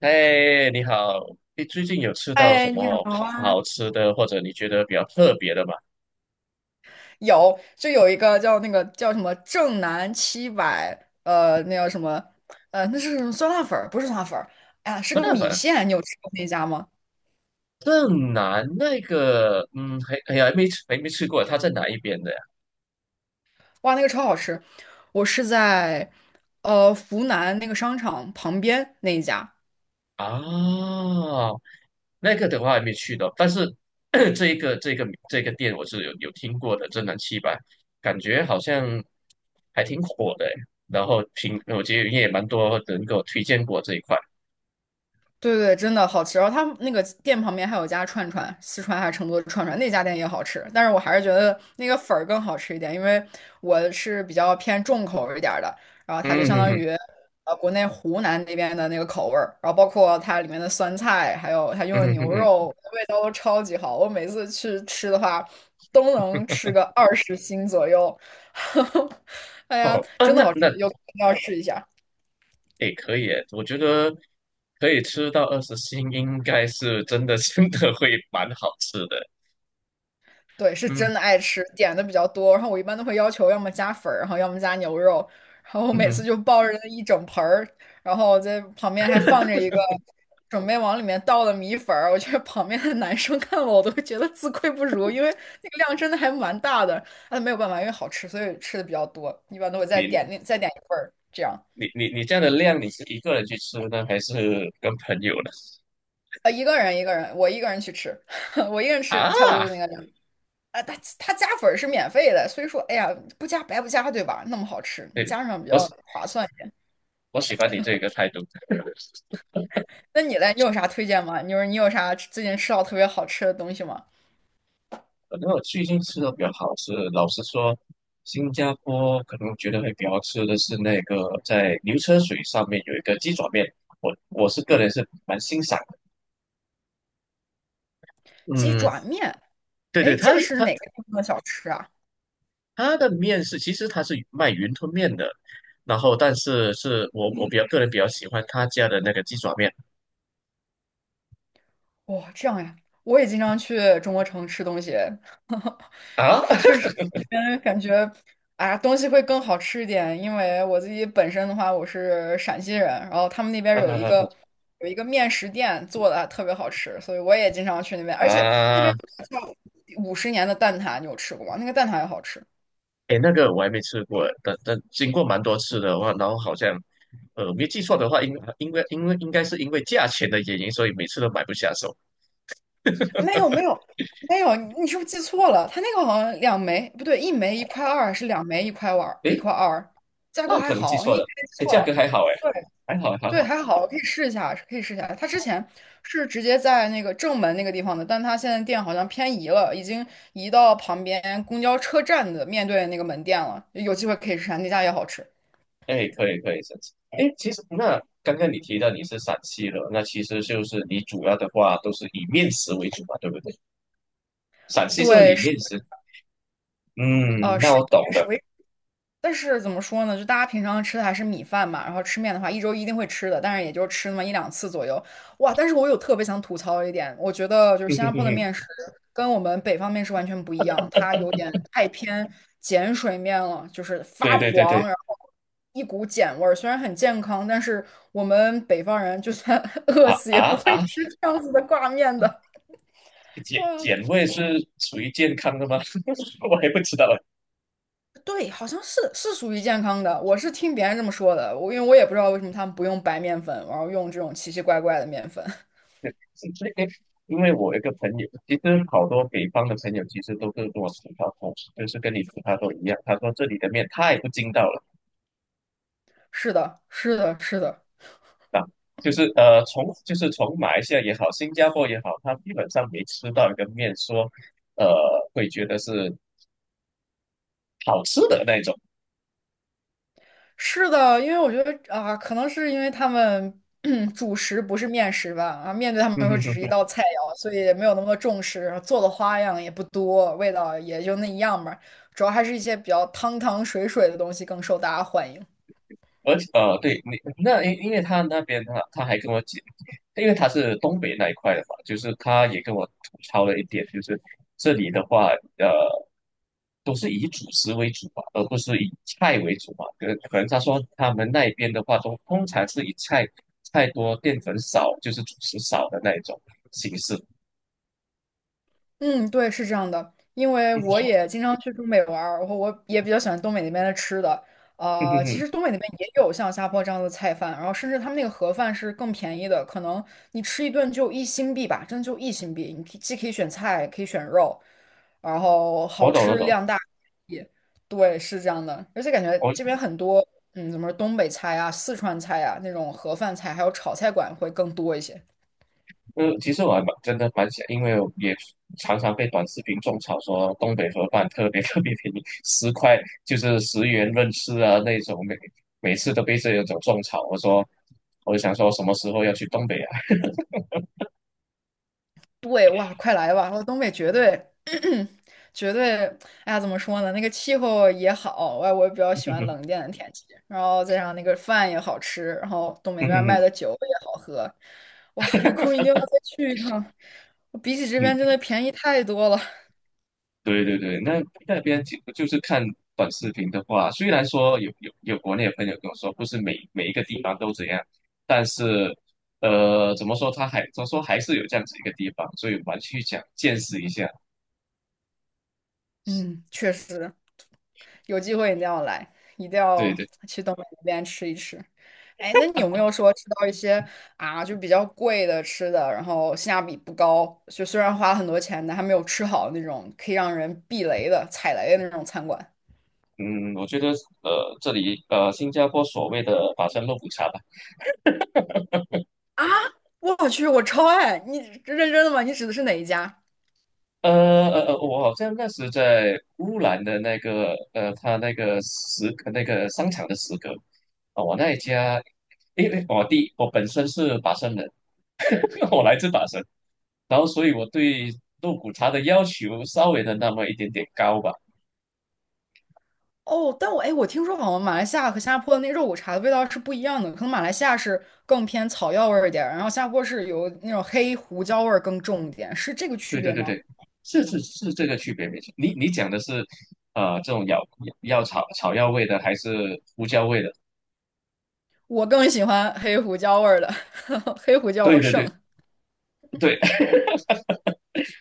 哎，你好，你最近有吃到什哎，你好么啊！好吃的，或者你觉得比较特别的吗？有，就有一个叫那个叫什么正南七百，那叫什么，那是什么酸辣粉儿？不是酸辣粉儿，哎呀，是不个大米粉线。你有吃过那家吗？正南那个，嗯，还哎呀，还没吃，还没吃过，他在哪一边的呀？哇，那个超好吃！我是在湖南那个商场旁边那一家，啊，那个的话还没去到，但是 这一个这个这个店我是有听过的，正南七百，感觉好像还挺火的诶，然后挺，我觉得也蛮多人给我推荐过这一块，对对，真的好吃。然后他们那个店旁边还有家串串，四川还是成都的串串，那家店也好吃。但是我还是觉得那个粉儿更好吃一点，因为我是比较偏重口味一点儿的。然后它就嗯相哼当哼，于国内湖南那边的那个口味儿，然后包括它里面的酸菜，还有它用嗯的哼哼牛肉，哼。味道都超级好。我每次去吃的话，都能吃个20斤左右。哎呀，哦，啊，真的那好吃，那有空一定要试一下。诶，可以耶，我觉得可以吃到二十星，应该是真的 真的会蛮好吃的。对，是真的嗯爱吃，点的比较多。然后我一般都会要求要么加粉儿，然后要么加牛肉。然后我嗯每次哼就抱着那一整盆儿，然后在旁边还放着一个准备往里面倒的米粉儿。我觉得旁边的男生看我，我都会觉得自愧不如，因为那个量真的还蛮大的。但没有办法，因为好吃，所以吃的比较多。一般都会再你点另再点一份儿，这样。你这样的量，你是一个人去吃呢，还是跟朋友呢？一个人一个人，我一个人去吃，我一个人吃啊，差不多就那个量。啊，它加粉儿是免费的，所以说，哎呀，不加白不加，对吧？那么好吃，对，加上比我较喜划算一点。我喜欢你这个态度。那你嘞，你有啥推荐吗？你说你有啥最近吃到特别好吃的东西吗？可能我最近吃的比较好吃的老实说，新加坡可能我觉得会比较好吃的是那个在牛车水上面有一个鸡爪面，我是个人是蛮欣赏的。鸡嗯，爪面，对对，哎，这他个是他。哪个地方的小吃啊？它的面是，其实它是卖云吞面的，然后但是是我比较个人比较喜欢他家的那个鸡爪面哇，这样呀，我也经常去中国城吃东西，啊 确实 那边感觉，啊，东西会更好吃一点，因为我自己本身的话，我是陕西人，然后他们那边有一啊个有一个面食店做的特别好吃，所以我也经常去那边，而且那边啊，有个叫五十年的蛋挞，你有吃过吗？那个蛋挞也好吃。哎，那个我还没吃过，但但经过蛮多次的话，然后好像没记错的话，应该因为应该是因为价钱的原因，所以每次都买不下手。没有没有没有，你是不是记错了？它那个好像两枚，不对，一枚一块二，是两枚一块二，哎，一块二，价那格我还可能记好，错你可了，能记哎，错价格了。还好哎，对还好还对，好，还好，可以试一下，可以试一下。它之前是直接在那个正门那个地方的，但它现在店好像偏移了，已经移到旁边公交车站的面对那个门店了。有机会可以试试，那家也好吃。哎，可以可以，甚至哎，其实那刚刚你提到你是陕西的，那其实就是你主要的话都是以面食为主嘛，对不对？陕西这对，里是面食，嗯，呃，那是我懂了。但是怎么说呢？就大家平常吃的还是米饭嘛，然后吃面的话，一周一定会吃的，但是也就吃那么一两次左右。哇！但是我有特别想吐槽一点，我觉得就是新加坡的面食 跟我们北方面食完全不一样，它有点太偏碱水面了，就是对发对对黄，对，然后一股碱味儿。虽然很健康，但是我们北方人就算 饿啊死也不啊会啊，吃这样子的挂面的。碱碱嗯。味是属于健康的吗？我也不知道，对，好像是是属于健康的。我是听别人这么说的，我因为我也不知道为什么他们不用白面粉，然后用这种奇奇怪怪的面粉。是这个因为我有一个朋友，其实好多北方的朋友其实都是跟我吐槽同，就是跟你吐槽都一样。他说这里的面太不筋道了 是的，是的，是的，啊，就是从马来西亚也好，新加坡也好，他基本上没吃到一个面说，呃，会觉得是好吃的那种。是的。因为我觉得啊、可能是因为他们 主食不是面食吧，啊，面对他们来说只是一 道菜肴，所以也没有那么多重视，然后做的花样也不多，味道也就那一样吧。主要还是一些比较汤汤水水的东西更受大家欢迎。而且对你那因为他那边他还跟我讲，因为他是东北那一块的嘛，就是他也跟我吐槽了一点，就是这里的话，呃，都是以主食为主嘛，而不是以菜为主嘛。可能他说他们那边的话，都通常是菜多、淀粉少，就是主食少的那一种形式。嗯，对，是这样的，因为我也经常去东北玩儿，然后我也比较喜欢东北那边的吃的。其实 东北那边也有像下坡这样的菜饭，然后甚至他们那个盒饭是更便宜的，可能你吃一顿就一新币吧，真的就一新币。你可以既可以选菜，可以选肉，然后我好懂，我吃懂，量大。也对，是这样的，而且感觉我这边很多，嗯，怎么说东北菜啊、四川菜啊那种盒饭菜，还有炒菜馆会更多一些。嗯，其实我还蛮真的蛮想，因为我也常常被短视频种草说东北盒饭特别 特别便宜，十块就是十元论吃啊那种，每次都被这种种草。我说，我就想说什么时候要去东北啊？对，哇，快来吧！我东北绝对，绝对，哎呀，怎么说呢？那个气候也好，我也比较喜欢冷一 点的天气，然后再上那个饭也好吃，然后东北那嗯边卖嗯的酒也好喝，哇，有空一定要再去一趟，比起这嗯，边真的便宜太多了。对对对，那那边就就是看短视频的话，虽然说有国内的朋友跟我说，不是每一个地方都这样，但是怎么说，他说还是有这样子一个地方，所以我们去想见识一下。嗯，确实。有机会一定要来，一定对要对。去东北那边吃一吃。哎，那你有没有说吃到一些啊，就比较贵的吃的，然后性价比不高，就虽然花了很多钱，但还没有吃好那种可以让人避雷的、踩雷的那种餐馆？嗯，我觉得这里新加坡所谓的法餐肉骨茶吧，我去，我超爱！你认真的吗？你指的是哪一家？我好像那时在乌兰的那个他那个食那个商场的食阁，啊、我那一家，因为我本身是法生人，我来自法生，然后所以我对肉骨茶的要求稍微的那么一点点高吧，哦，但我哎，我听说好像马来西亚和新加坡的那肉骨茶的味道是不一样的，可能马来西亚是更偏草药味儿一点儿，然后新加坡是有那种黑胡椒味儿更重一点，是这个区对对别对吗？对，是这个区别没错，你讲的是这种药草草药味的还是胡椒味的？我更喜欢黑胡椒味儿的，黑胡椒对对胜。对。对，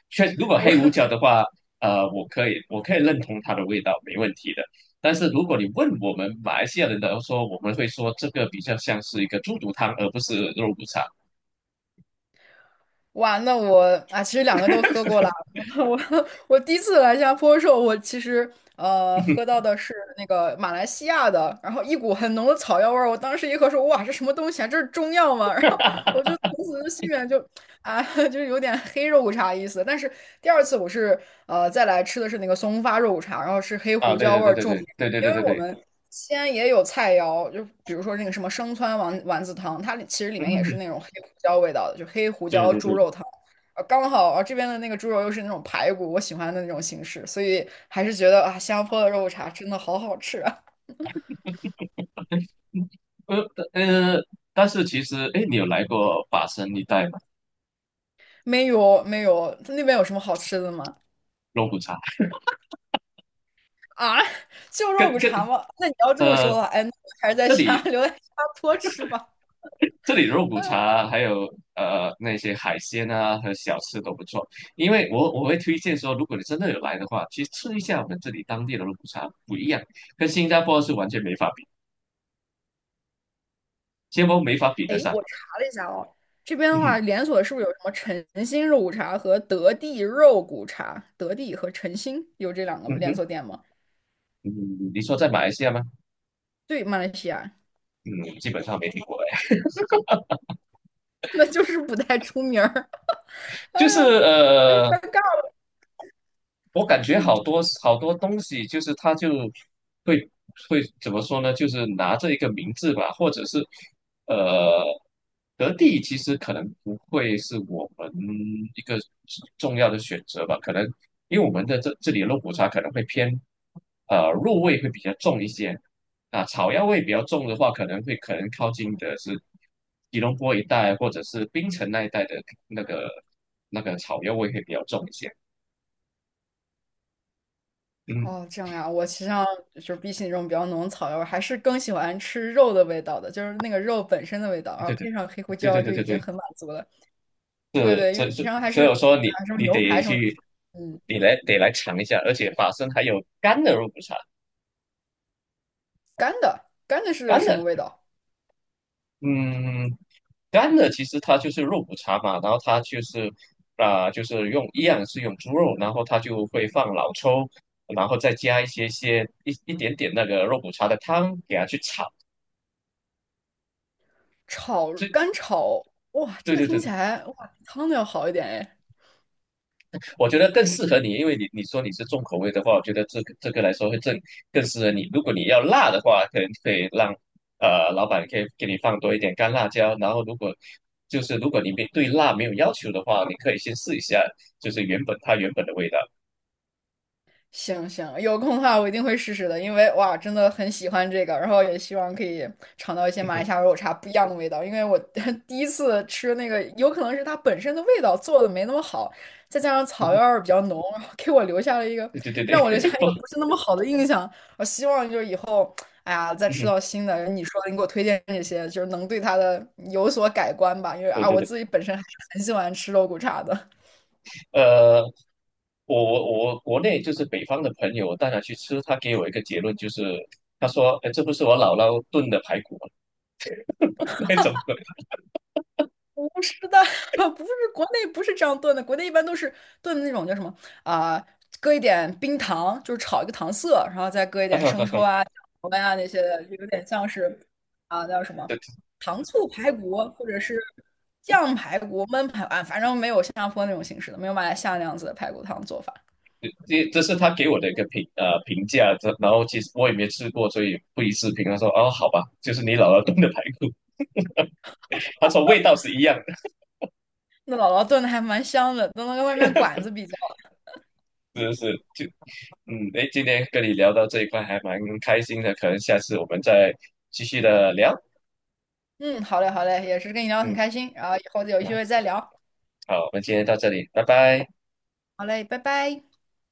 如果黑胡我椒的话，我可以认同它的味道，没问题的。但是如果你问我们马来西亚人的说，我们会说这个比较像是一个猪肚汤，而不是肉骨茶。完了，那我啊，其实两个都喝过了。我我第一次来新加坡的时候，我其实喝到的是那个马来西亚的，然后一股很浓的草药味儿。我当时一喝说，哇，这什么东西啊？这是中药吗？然后我就 从此就心里面就啊，就是有点黑肉骨茶意思。但是第二次我是再来吃的是那个松花肉骨茶，然后是黑啊，胡对椒对味对儿对对重。对对因对为对我对，们西安也有菜肴，就比如说那个什么生汆丸丸子汤，其实里面也是嗯，那种黑胡椒味道的，就黑胡对椒对猪对，肉汤。刚好啊这边的那个猪肉又是那种排骨，我喜欢的那种形式，所以还是觉得啊，新加坡的肉骨茶真的好好吃啊。呃呃，但是其实，哎，你有来过法生一带吗？没有没有，那边有什么好吃的吗？肉骨茶啊，就肉跟骨跟茶吗？那你要这么呃，说的话，哎，那我还是在这家里留在新加坡吃吧。这里肉骨茶啊还有那些海鲜啊和小吃都不错，因为我会推荐说，如果你真的有来的话，去吃一下我们这里当地的肉骨茶，不一样，跟新加坡是完全没法比，新加坡没法比得哎，上。我查了一下哦，这边的话，连锁是不是有什么晨兴肉骨茶和德地肉骨茶？德地和晨兴有这两个嗯哼嗯连哼，锁店吗？嗯，你说在马来西亚吗？对，马来西亚，嗯，基本上没听过哎，那就是不太出名儿。哎就是呀，哎呀，呃，尴尬了。我感觉嗯，好多好多东西，就是他就会会怎么说呢？就是拿着一个名字吧，或者是呃，德地其实可能不会是我们一个重要的选择吧，可能因为我们的这里的肉骨茶可能会偏肉味会比较重一些，啊，草药味比较重的话，可能靠近的是吉隆坡一带或者是槟城那一带的那个那个草药味会比较重一些。嗯，哦，这样呀，我其实上就是比起那种比较浓的草药味儿还是更喜欢吃肉的味道的，就是那个肉本身的味道，然后对对对。配上黑胡对椒对就已对经对很满足了。对对，对，因这为这是，平常还所是以我说你啊什么你牛得排什么，去，嗯得来尝一下，而且嗯，法式还有干的肉骨茶，干的干的是干什么的，味道？嗯，干的其实它就是肉骨茶嘛，然后它就是啊、就是用一样是用猪肉，然后它就会放老抽，然后再加一些一点点那个肉骨茶的汤给它去炒，炒这干炒，哇，对这个对对听起来哇，比汤的要好一点哎。我觉得更适合你，因为你说你是重口味的话，我觉得这个来说会更适合你。如果你要辣的话，可能可以让呃老板可以给你放多一点干辣椒。然后如果就是如果你没对辣没有要求的话，你可以先试一下，就是原本的味道。行行，有空的话我一定会试试的，因为哇，真的很喜欢这个，然后也希望可以尝到一些马来西 亚肉茶不一样的味道，因为我 第一次吃那个，有可能是它本身的味道做的没那么好，再加上草药味儿比较浓，然后给我留下了一个对对对对，让我留下 一不，个不是那么好的印象。我希望就是以后，哎呀，再吃到 新的，你说的你给我推荐这些，就是能对它的有所改观吧，因为对啊，对我对，自己本身还是很喜欢吃肉骨茶的。呃，我国内就是北方的朋友，我带他去吃，他给我一个结论就是，他说，哎，这不是我姥姥炖的排骨吗？那种的，不是的，不是国内不是这样炖的，国内一般都是炖的那种叫什么啊、搁一点冰糖，就是炒一个糖色，然后再搁一点生抽啊、酱油啊那些的，就有点像是啊、叫什么对 糖醋排骨或者是酱排骨、焖排骨啊，反正没有新加坡那种形式的，没有马来西亚那样子的排骨汤做法。这这是他给我的一个评价，这然后其实我也没吃过，所以不予置评。他说哦，好吧，就是你姥姥炖的排骨，他说味道是一样的，那姥姥炖的还蛮香的，都能跟外面馆子比较。是不是？就嗯，哎，今天跟你聊到这一块还蛮开心的，可能下次我们再继续的聊。嗯，好嘞，好嘞，也是跟你聊得很嗯，开心，然后以后有那机会再聊。好，我们今天到这里，拜拜。好嘞，拜拜。